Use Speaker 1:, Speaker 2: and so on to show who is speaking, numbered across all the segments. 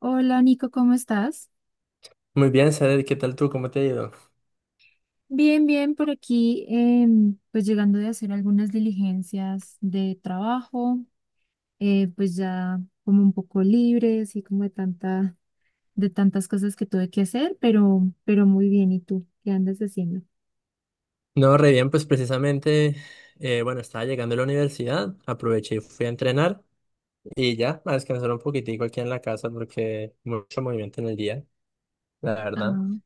Speaker 1: Hola Nico, ¿cómo estás?
Speaker 2: Muy bien, Sader, ¿qué tal tú? ¿Cómo te ha ido?
Speaker 1: Bien, bien, por aquí, pues llegando de hacer algunas diligencias de trabajo, pues ya como un poco libre, así como de tantas cosas que tuve que hacer, pero muy bien. ¿Y tú qué andas haciendo?
Speaker 2: No, re bien, pues precisamente, bueno, estaba llegando a la universidad, aproveché y fui a entrenar y ya, a descansar un poquitico aquí en la casa porque mucho movimiento en el día, la verdad.
Speaker 1: Ah,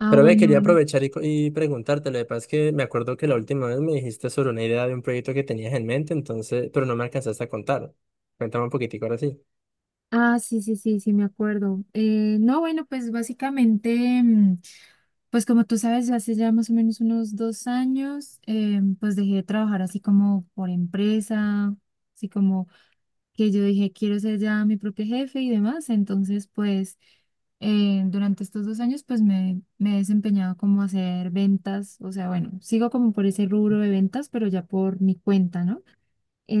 Speaker 1: ah,
Speaker 2: Pero ve,
Speaker 1: bueno,
Speaker 2: quería
Speaker 1: bueno.
Speaker 2: aprovechar y preguntarte, lo que pasa es que me acuerdo que la última vez me dijiste sobre una idea de un proyecto que tenías en mente, entonces, pero no me alcanzaste a contar. Cuéntame un poquitico ahora sí.
Speaker 1: Ah, sí, sí, sí, sí, me acuerdo. No, bueno, pues básicamente, pues como tú sabes, hace ya más o menos unos 2 años, pues dejé de trabajar así como por empresa, así como que yo dije, quiero ser ya mi propio jefe y demás. Entonces, pues durante estos 2 años, pues me he desempeñado como a hacer ventas, o sea, bueno, sigo como por ese rubro de ventas, pero ya por mi cuenta, ¿no?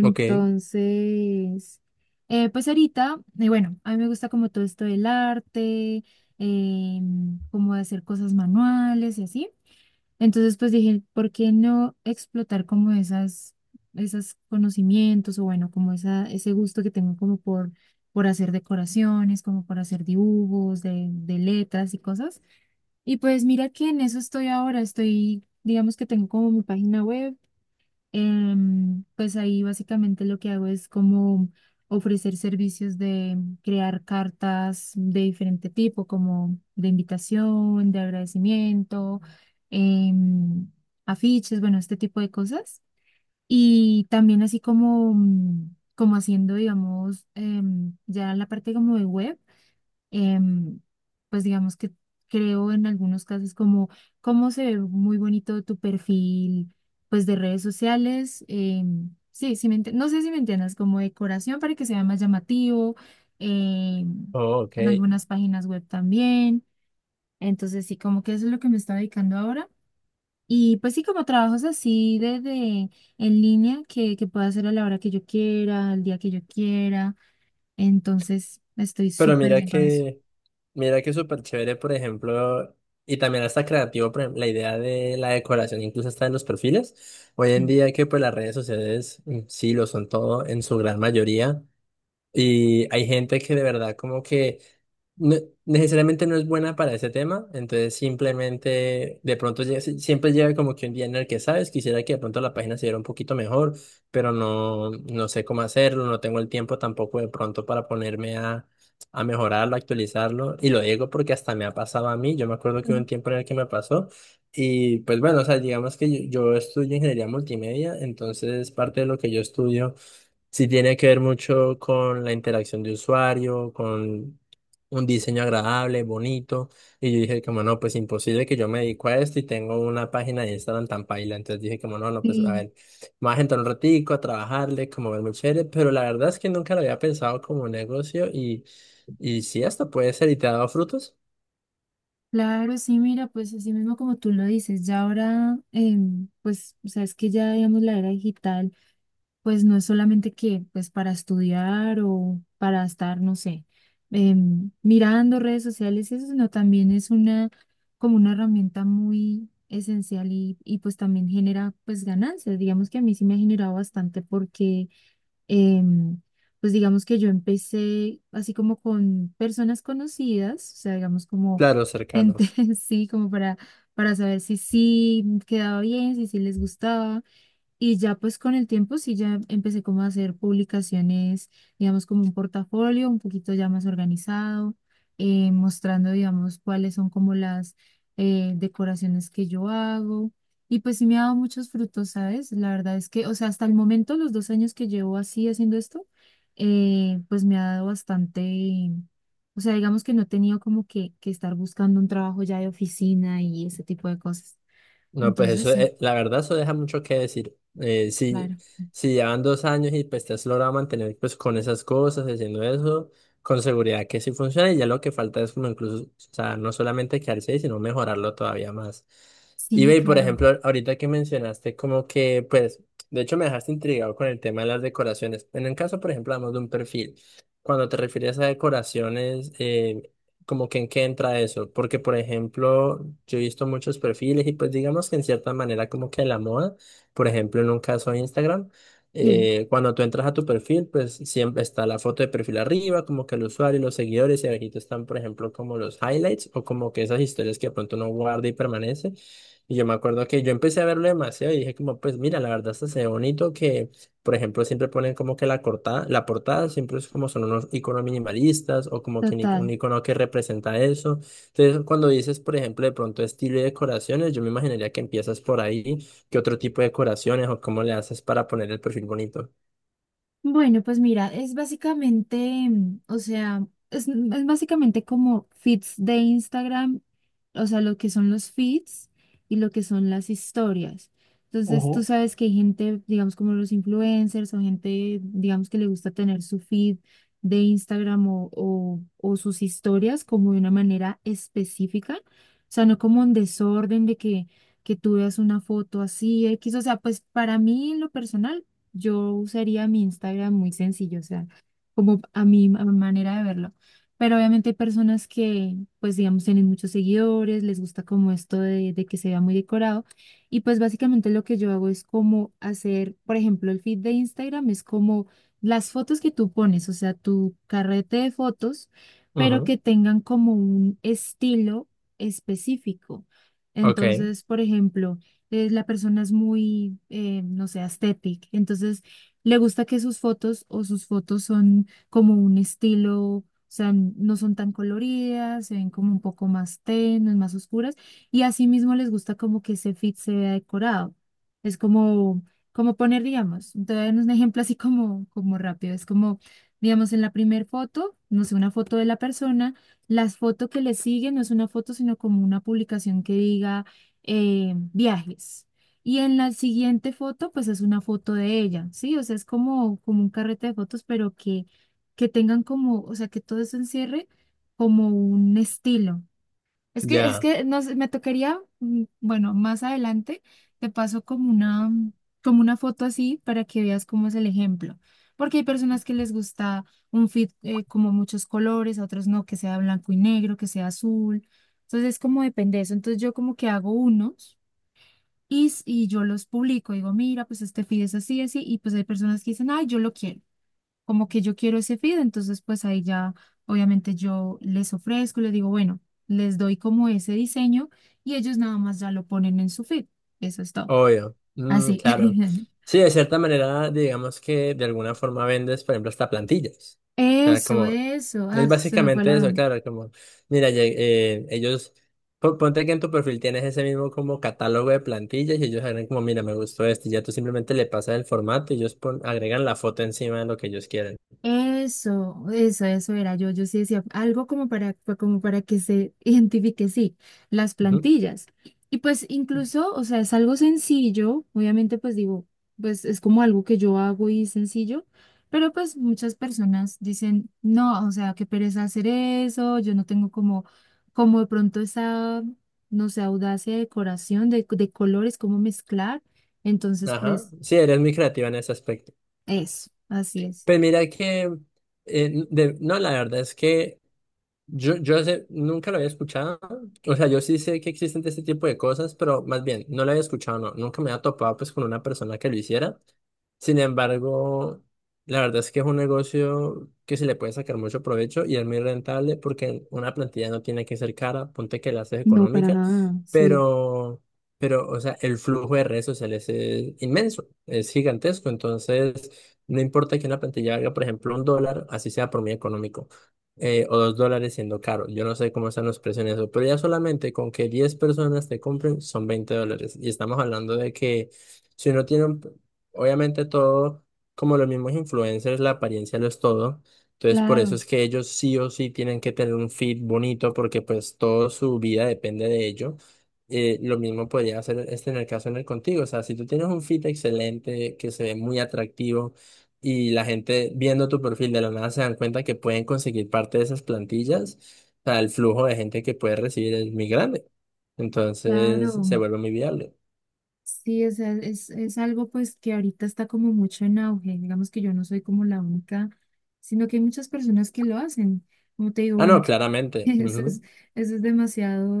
Speaker 2: Ok.
Speaker 1: pues ahorita, bueno, a mí me gusta como todo esto del arte, como hacer cosas manuales y así. Entonces, pues dije, ¿por qué no explotar como esos conocimientos o bueno, como ese gusto que tengo como por hacer decoraciones, como por hacer dibujos de letras y cosas? Y pues mira que en eso estoy ahora, estoy, digamos que tengo como mi página web, pues ahí básicamente lo que hago es como ofrecer servicios de crear cartas de diferente tipo, como de invitación, de agradecimiento, em, afiches, bueno, este tipo de cosas. Y también así como, como haciendo, digamos, ya la parte como de web, em, pues digamos que creo en algunos casos como cómo se ve muy bonito tu perfil, pues de redes sociales. Sí, sí no sé si me entiendas, como decoración para que sea más llamativo, em,
Speaker 2: Oh, ok.
Speaker 1: en algunas páginas web también. Entonces sí, como que eso es lo que me está dedicando ahora. Y pues sí, como trabajos así en línea que pueda hacer a la hora que yo quiera, al día que yo quiera. Entonces estoy
Speaker 2: Pero
Speaker 1: súper
Speaker 2: mira
Speaker 1: bien con eso.
Speaker 2: que, mira que es súper chévere, por ejemplo, y también está creativo, por ejemplo, la idea de la decoración incluso está en los perfiles. Hoy en
Speaker 1: Sí.
Speaker 2: día que pues las redes sociales sí lo son todo en su gran mayoría, y hay gente que de verdad como que no- necesariamente no es buena para ese tema, entonces simplemente de pronto siempre llega como que un día en el que sabes, quisiera que de pronto la página se viera un poquito mejor, pero no, no sé cómo hacerlo, no tengo el tiempo tampoco de pronto para ponerme a mejorarlo, a actualizarlo, y lo digo porque hasta me ha pasado a mí. Yo me acuerdo que hubo un tiempo en el que me pasó, y pues bueno, o sea, digamos que yo estudio ingeniería multimedia, entonces parte de lo que yo estudio sí tiene que ver mucho con la interacción de usuario, con un diseño agradable, bonito. Y yo dije como no, pues imposible que yo me dedico a esto y tengo una página de Instagram tan paila. Entonces dije como no, no, pues a
Speaker 1: Sí,
Speaker 2: ver, me voy a entrar un ratico a trabajarle, como verme chévere. Pero la verdad es que nunca lo había pensado como negocio y sí, esto puede ser y te ha dado frutos,
Speaker 1: claro, sí, mira, pues así mismo como tú lo dices, ya ahora, pues, o sea, es que ya, digamos, la era digital, pues no es solamente que, pues, para estudiar o para estar, no sé, mirando redes sociales, y eso, sino también es una, como una herramienta muy esencial y pues también genera, pues, ganancias. Digamos que a mí sí me ha generado bastante porque em, pues digamos que yo empecé así como con personas conocidas, o sea, digamos como
Speaker 2: claro,
Speaker 1: gente,
Speaker 2: cercanos.
Speaker 1: sí, como para saber si sí quedaba bien, si sí les gustaba. Y ya pues con el tiempo sí ya empecé como a hacer publicaciones, digamos como un portafolio un poquito ya más organizado, mostrando digamos cuáles son como las decoraciones que yo hago. Y pues sí me ha dado muchos frutos, ¿sabes? La verdad es que, o sea, hasta el momento, los 2 años que llevo así haciendo esto, pues me ha dado bastante, o sea, digamos que no he tenido como que estar buscando un trabajo ya de oficina y ese tipo de cosas.
Speaker 2: No, pues
Speaker 1: Entonces
Speaker 2: eso,
Speaker 1: sí,
Speaker 2: la verdad, eso deja mucho que decir. Si,
Speaker 1: claro.
Speaker 2: si llevan 2 años y pues te has logrado mantener pues con esas cosas, haciendo eso, con seguridad que sí funciona y ya lo que falta es como incluso, o sea, no solamente quedarse ahí, sino mejorarlo todavía más.
Speaker 1: Sí,
Speaker 2: Por
Speaker 1: claro.
Speaker 2: ejemplo, ahorita que mencionaste como que, pues, de hecho me dejaste intrigado con el tema de las decoraciones. En el caso, por ejemplo, hablamos de un perfil. Cuando te refieres a decoraciones, como que en qué entra eso, porque por ejemplo, yo he visto muchos perfiles y pues digamos que en cierta manera como que la moda, por ejemplo, en un caso de Instagram,
Speaker 1: Sí,
Speaker 2: cuando tú entras a tu perfil, pues siempre está la foto de perfil arriba, como que el usuario y los seguidores y abajito están, por ejemplo, como los highlights o como que esas historias que de pronto uno guarda y permanece. Y yo me acuerdo que yo empecé a verlo demasiado y dije como, pues mira, la verdad esto se ve bonito que por ejemplo, siempre ponen como que la portada siempre es como son unos iconos minimalistas o como que un
Speaker 1: total.
Speaker 2: icono que representa eso. Entonces, cuando dices, por ejemplo, de pronto estilo y decoraciones, yo me imaginaría que empiezas por ahí. ¿Qué otro tipo de decoraciones o cómo le haces para poner el perfil bonito?
Speaker 1: Bueno, pues mira, es básicamente, o sea, es, es básicamente como feeds de Instagram, o sea, lo que son los feeds y lo que son las historias. Entonces, tú
Speaker 2: Ujú.
Speaker 1: sabes que hay gente, digamos, como los influencers o gente, digamos, que le gusta tener su feed de Instagram o sus historias como de una manera específica, o sea, no como en desorden que tú veas una foto así, X, o sea, pues para mí en lo personal. Yo usaría mi Instagram muy sencillo, o sea, como a mi manera de verlo. Pero obviamente hay personas que, pues digamos, tienen muchos seguidores, les gusta como esto de que se vea muy decorado. Y pues básicamente lo que yo hago es como hacer, por ejemplo, el feed de Instagram es como las fotos que tú pones, o sea, tu carrete de fotos, pero
Speaker 2: Ujú,
Speaker 1: que, tengan como un estilo específico.
Speaker 2: ok,
Speaker 1: Entonces, por ejemplo, la persona es muy, no sé, aesthetic, entonces le gusta que sus fotos o sus fotos son como un estilo, o sea, no son tan coloridas, se ven como un poco más tenues, más oscuras, y asimismo les gusta como que ese feed se vea decorado. Es como poner, digamos, te voy a dar un ejemplo así como, como rápido, es como, digamos, en la primera foto, no sé, una foto de la persona, las fotos que le siguen no es una foto, sino como una publicación que diga viajes. Y en la siguiente foto, pues es una foto de ella, ¿sí? O sea, es como, como un carrete de fotos, pero que tengan como, o sea, que todo eso encierre como un estilo. Es
Speaker 2: ya.
Speaker 1: que no sé, me tocaría, bueno, más adelante te paso como una foto así para que veas cómo es el ejemplo. Porque hay personas que les gusta un fit como muchos colores, a otros no, que sea blanco y negro, que sea azul. Entonces, como depende de eso. Entonces, yo como que hago unos y yo los publico, digo, mira, pues este feed es así, así, y pues hay personas que dicen, ay, yo lo quiero, como que yo quiero ese feed, entonces pues ahí ya, obviamente yo les ofrezco, les digo, bueno, les doy como ese diseño y ellos nada más ya lo ponen en su feed, eso es todo,
Speaker 2: Obvio, mm,
Speaker 1: así.
Speaker 2: claro. Sí, de cierta manera, digamos que de alguna forma vendes, por ejemplo, hasta plantillas. O sea,
Speaker 1: Eso,
Speaker 2: como,
Speaker 1: eso,
Speaker 2: es
Speaker 1: ah, se me fue
Speaker 2: básicamente
Speaker 1: la...
Speaker 2: eso, claro, como, mira, ellos, ponte que en tu perfil tienes ese mismo como catálogo de plantillas y ellos agregan como, mira, me gustó esto, y ya tú simplemente le pasas el formato y ellos agregan la foto encima de lo que ellos quieren.
Speaker 1: Eso era yo. Yo sí decía algo como como para que se identifique, sí, las
Speaker 2: Ujú.
Speaker 1: plantillas. Y pues incluso, o sea, es algo sencillo, obviamente pues digo, pues es como algo que yo hago y es sencillo, pero pues muchas personas dicen, no, o sea, qué pereza hacer eso, yo no tengo como de pronto esa, no sé, audacia de decoración, de colores, cómo mezclar. Entonces,
Speaker 2: Ajá,
Speaker 1: pues
Speaker 2: sí, eres muy creativa en ese aspecto.
Speaker 1: eso, así es.
Speaker 2: Pues mira que, no, la verdad es que... nunca lo había escuchado. O sea, yo sí sé que existen este tipo de cosas, pero más bien, no lo había escuchado, no. Nunca me había topado pues con una persona que lo hiciera. Sin embargo, la verdad es que es un negocio que se le puede sacar mucho provecho y es muy rentable porque una plantilla no tiene que ser cara, ponte que la haces
Speaker 1: No, para
Speaker 2: económica,
Speaker 1: nada, sí.
Speaker 2: pero, pero, o sea, el flujo de redes sociales es inmenso, es gigantesco, entonces no importa que una plantilla haga, por ejemplo, $1, así sea por muy económico o $2 siendo caro. Yo no sé cómo están los precios en eso, pero ya solamente con que 10 personas te compren son $20. Y estamos hablando de que si uno tiene, obviamente todo, como los mismos influencers, la apariencia lo es todo. Entonces, por eso
Speaker 1: Claro,
Speaker 2: es que ellos sí o sí tienen que tener un feed bonito porque pues toda su vida depende de ello. Lo mismo podría hacer este en el caso en el contigo. O sea, si tú tienes un feed excelente, que se ve muy atractivo, y la gente viendo tu perfil de la nada se dan cuenta que pueden conseguir parte de esas plantillas, o sea, el flujo de gente que puede recibir es muy grande. Entonces se
Speaker 1: claro.
Speaker 2: vuelve muy viable.
Speaker 1: Sí, o sea, es algo pues que ahorita está como mucho en auge. Digamos que yo no soy como la única, sino que hay muchas personas que lo hacen. Como te digo,
Speaker 2: Ah, no,
Speaker 1: bueno,
Speaker 2: claramente.
Speaker 1: Eso es,
Speaker 2: Ujú.
Speaker 1: eso es demasiado,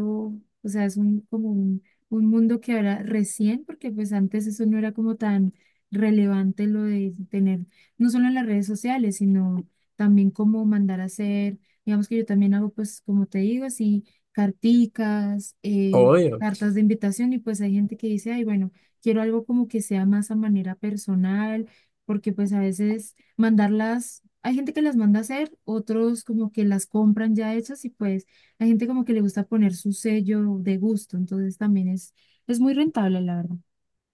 Speaker 1: o sea, es como un mundo que ahora recién, porque pues antes eso no era como tan relevante lo de tener, no solo en las redes sociales, sino también como mandar a hacer, digamos que yo también hago pues, como te digo, así, carticas,
Speaker 2: Obvio.
Speaker 1: cartas de invitación y pues hay gente que dice, ay, bueno, quiero algo como que sea más a manera personal, porque pues a veces mandarlas, hay gente que las manda a hacer, otros como que las compran ya hechas y pues hay gente como que le gusta poner su sello de gusto, entonces también es muy rentable, la verdad.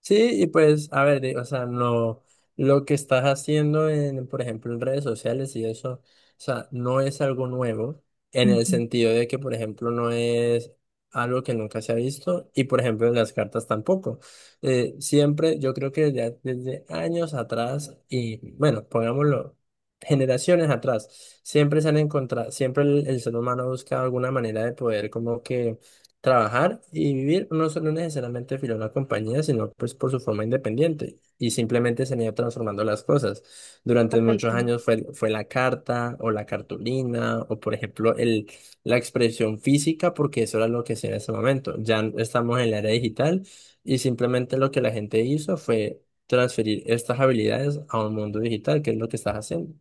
Speaker 2: Sí, y pues, a ver, o sea, no, lo que estás haciendo en, por ejemplo, en redes sociales y eso, o sea, no es algo nuevo, en el
Speaker 1: Ujú.
Speaker 2: sentido de que, por ejemplo, no es algo que nunca se ha visto, y por ejemplo, en las cartas tampoco. Siempre, yo creo que ya desde años atrás, y bueno, pongámoslo, generaciones atrás, siempre se han encontrado, siempre el ser humano busca alguna manera de poder como que trabajar y vivir no solo necesariamente filial a una compañía, sino pues por su forma independiente y simplemente se han ido transformando las cosas. Durante muchos
Speaker 1: Correcto.
Speaker 2: años fue la carta o la cartulina o por ejemplo la expresión física porque eso era lo que hacía en ese momento. Ya estamos en la era digital y simplemente lo que la gente hizo fue transferir estas habilidades a un mundo digital, que es lo que estás haciendo.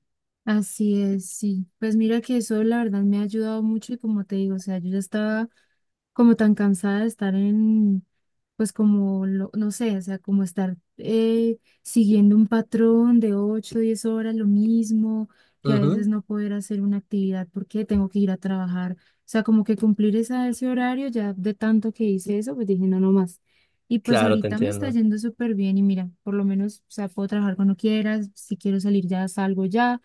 Speaker 1: Así es, sí. Pues mira que eso la verdad me ha ayudado mucho y como te digo, o sea, yo ya estaba como tan cansada de estar en, pues como, lo, no sé, o sea, como estar siguiendo un patrón de 8 10 horas, lo mismo, que a veces
Speaker 2: Ujú,
Speaker 1: no poder hacer una actividad porque tengo que ir a trabajar. O sea, como que cumplir ese horario, ya de tanto que hice eso, pues dije, no, no más. Y pues
Speaker 2: claro, te
Speaker 1: ahorita me está
Speaker 2: entiendo.
Speaker 1: yendo súper bien y mira, por lo menos, o sea, puedo trabajar cuando quiera, si quiero salir ya salgo ya,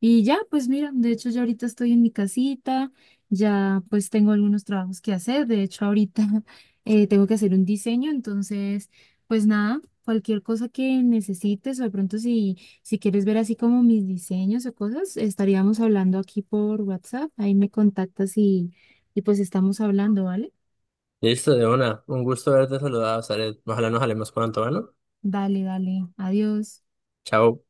Speaker 1: y ya, pues mira, de hecho yo ahorita estoy en mi casita, ya pues tengo algunos trabajos que hacer, de hecho ahorita tengo que hacer un diseño, entonces pues nada, cualquier cosa que necesites o de pronto si quieres ver así como mis diseños o cosas, estaríamos hablando aquí por WhatsApp, ahí me contactas y pues estamos hablando, ¿vale?
Speaker 2: Listo, de una. Un gusto haberte saludado, Zaret. Ojalá nos hablemos pronto, ¿no?
Speaker 1: Dale, dale, adiós.
Speaker 2: Chao.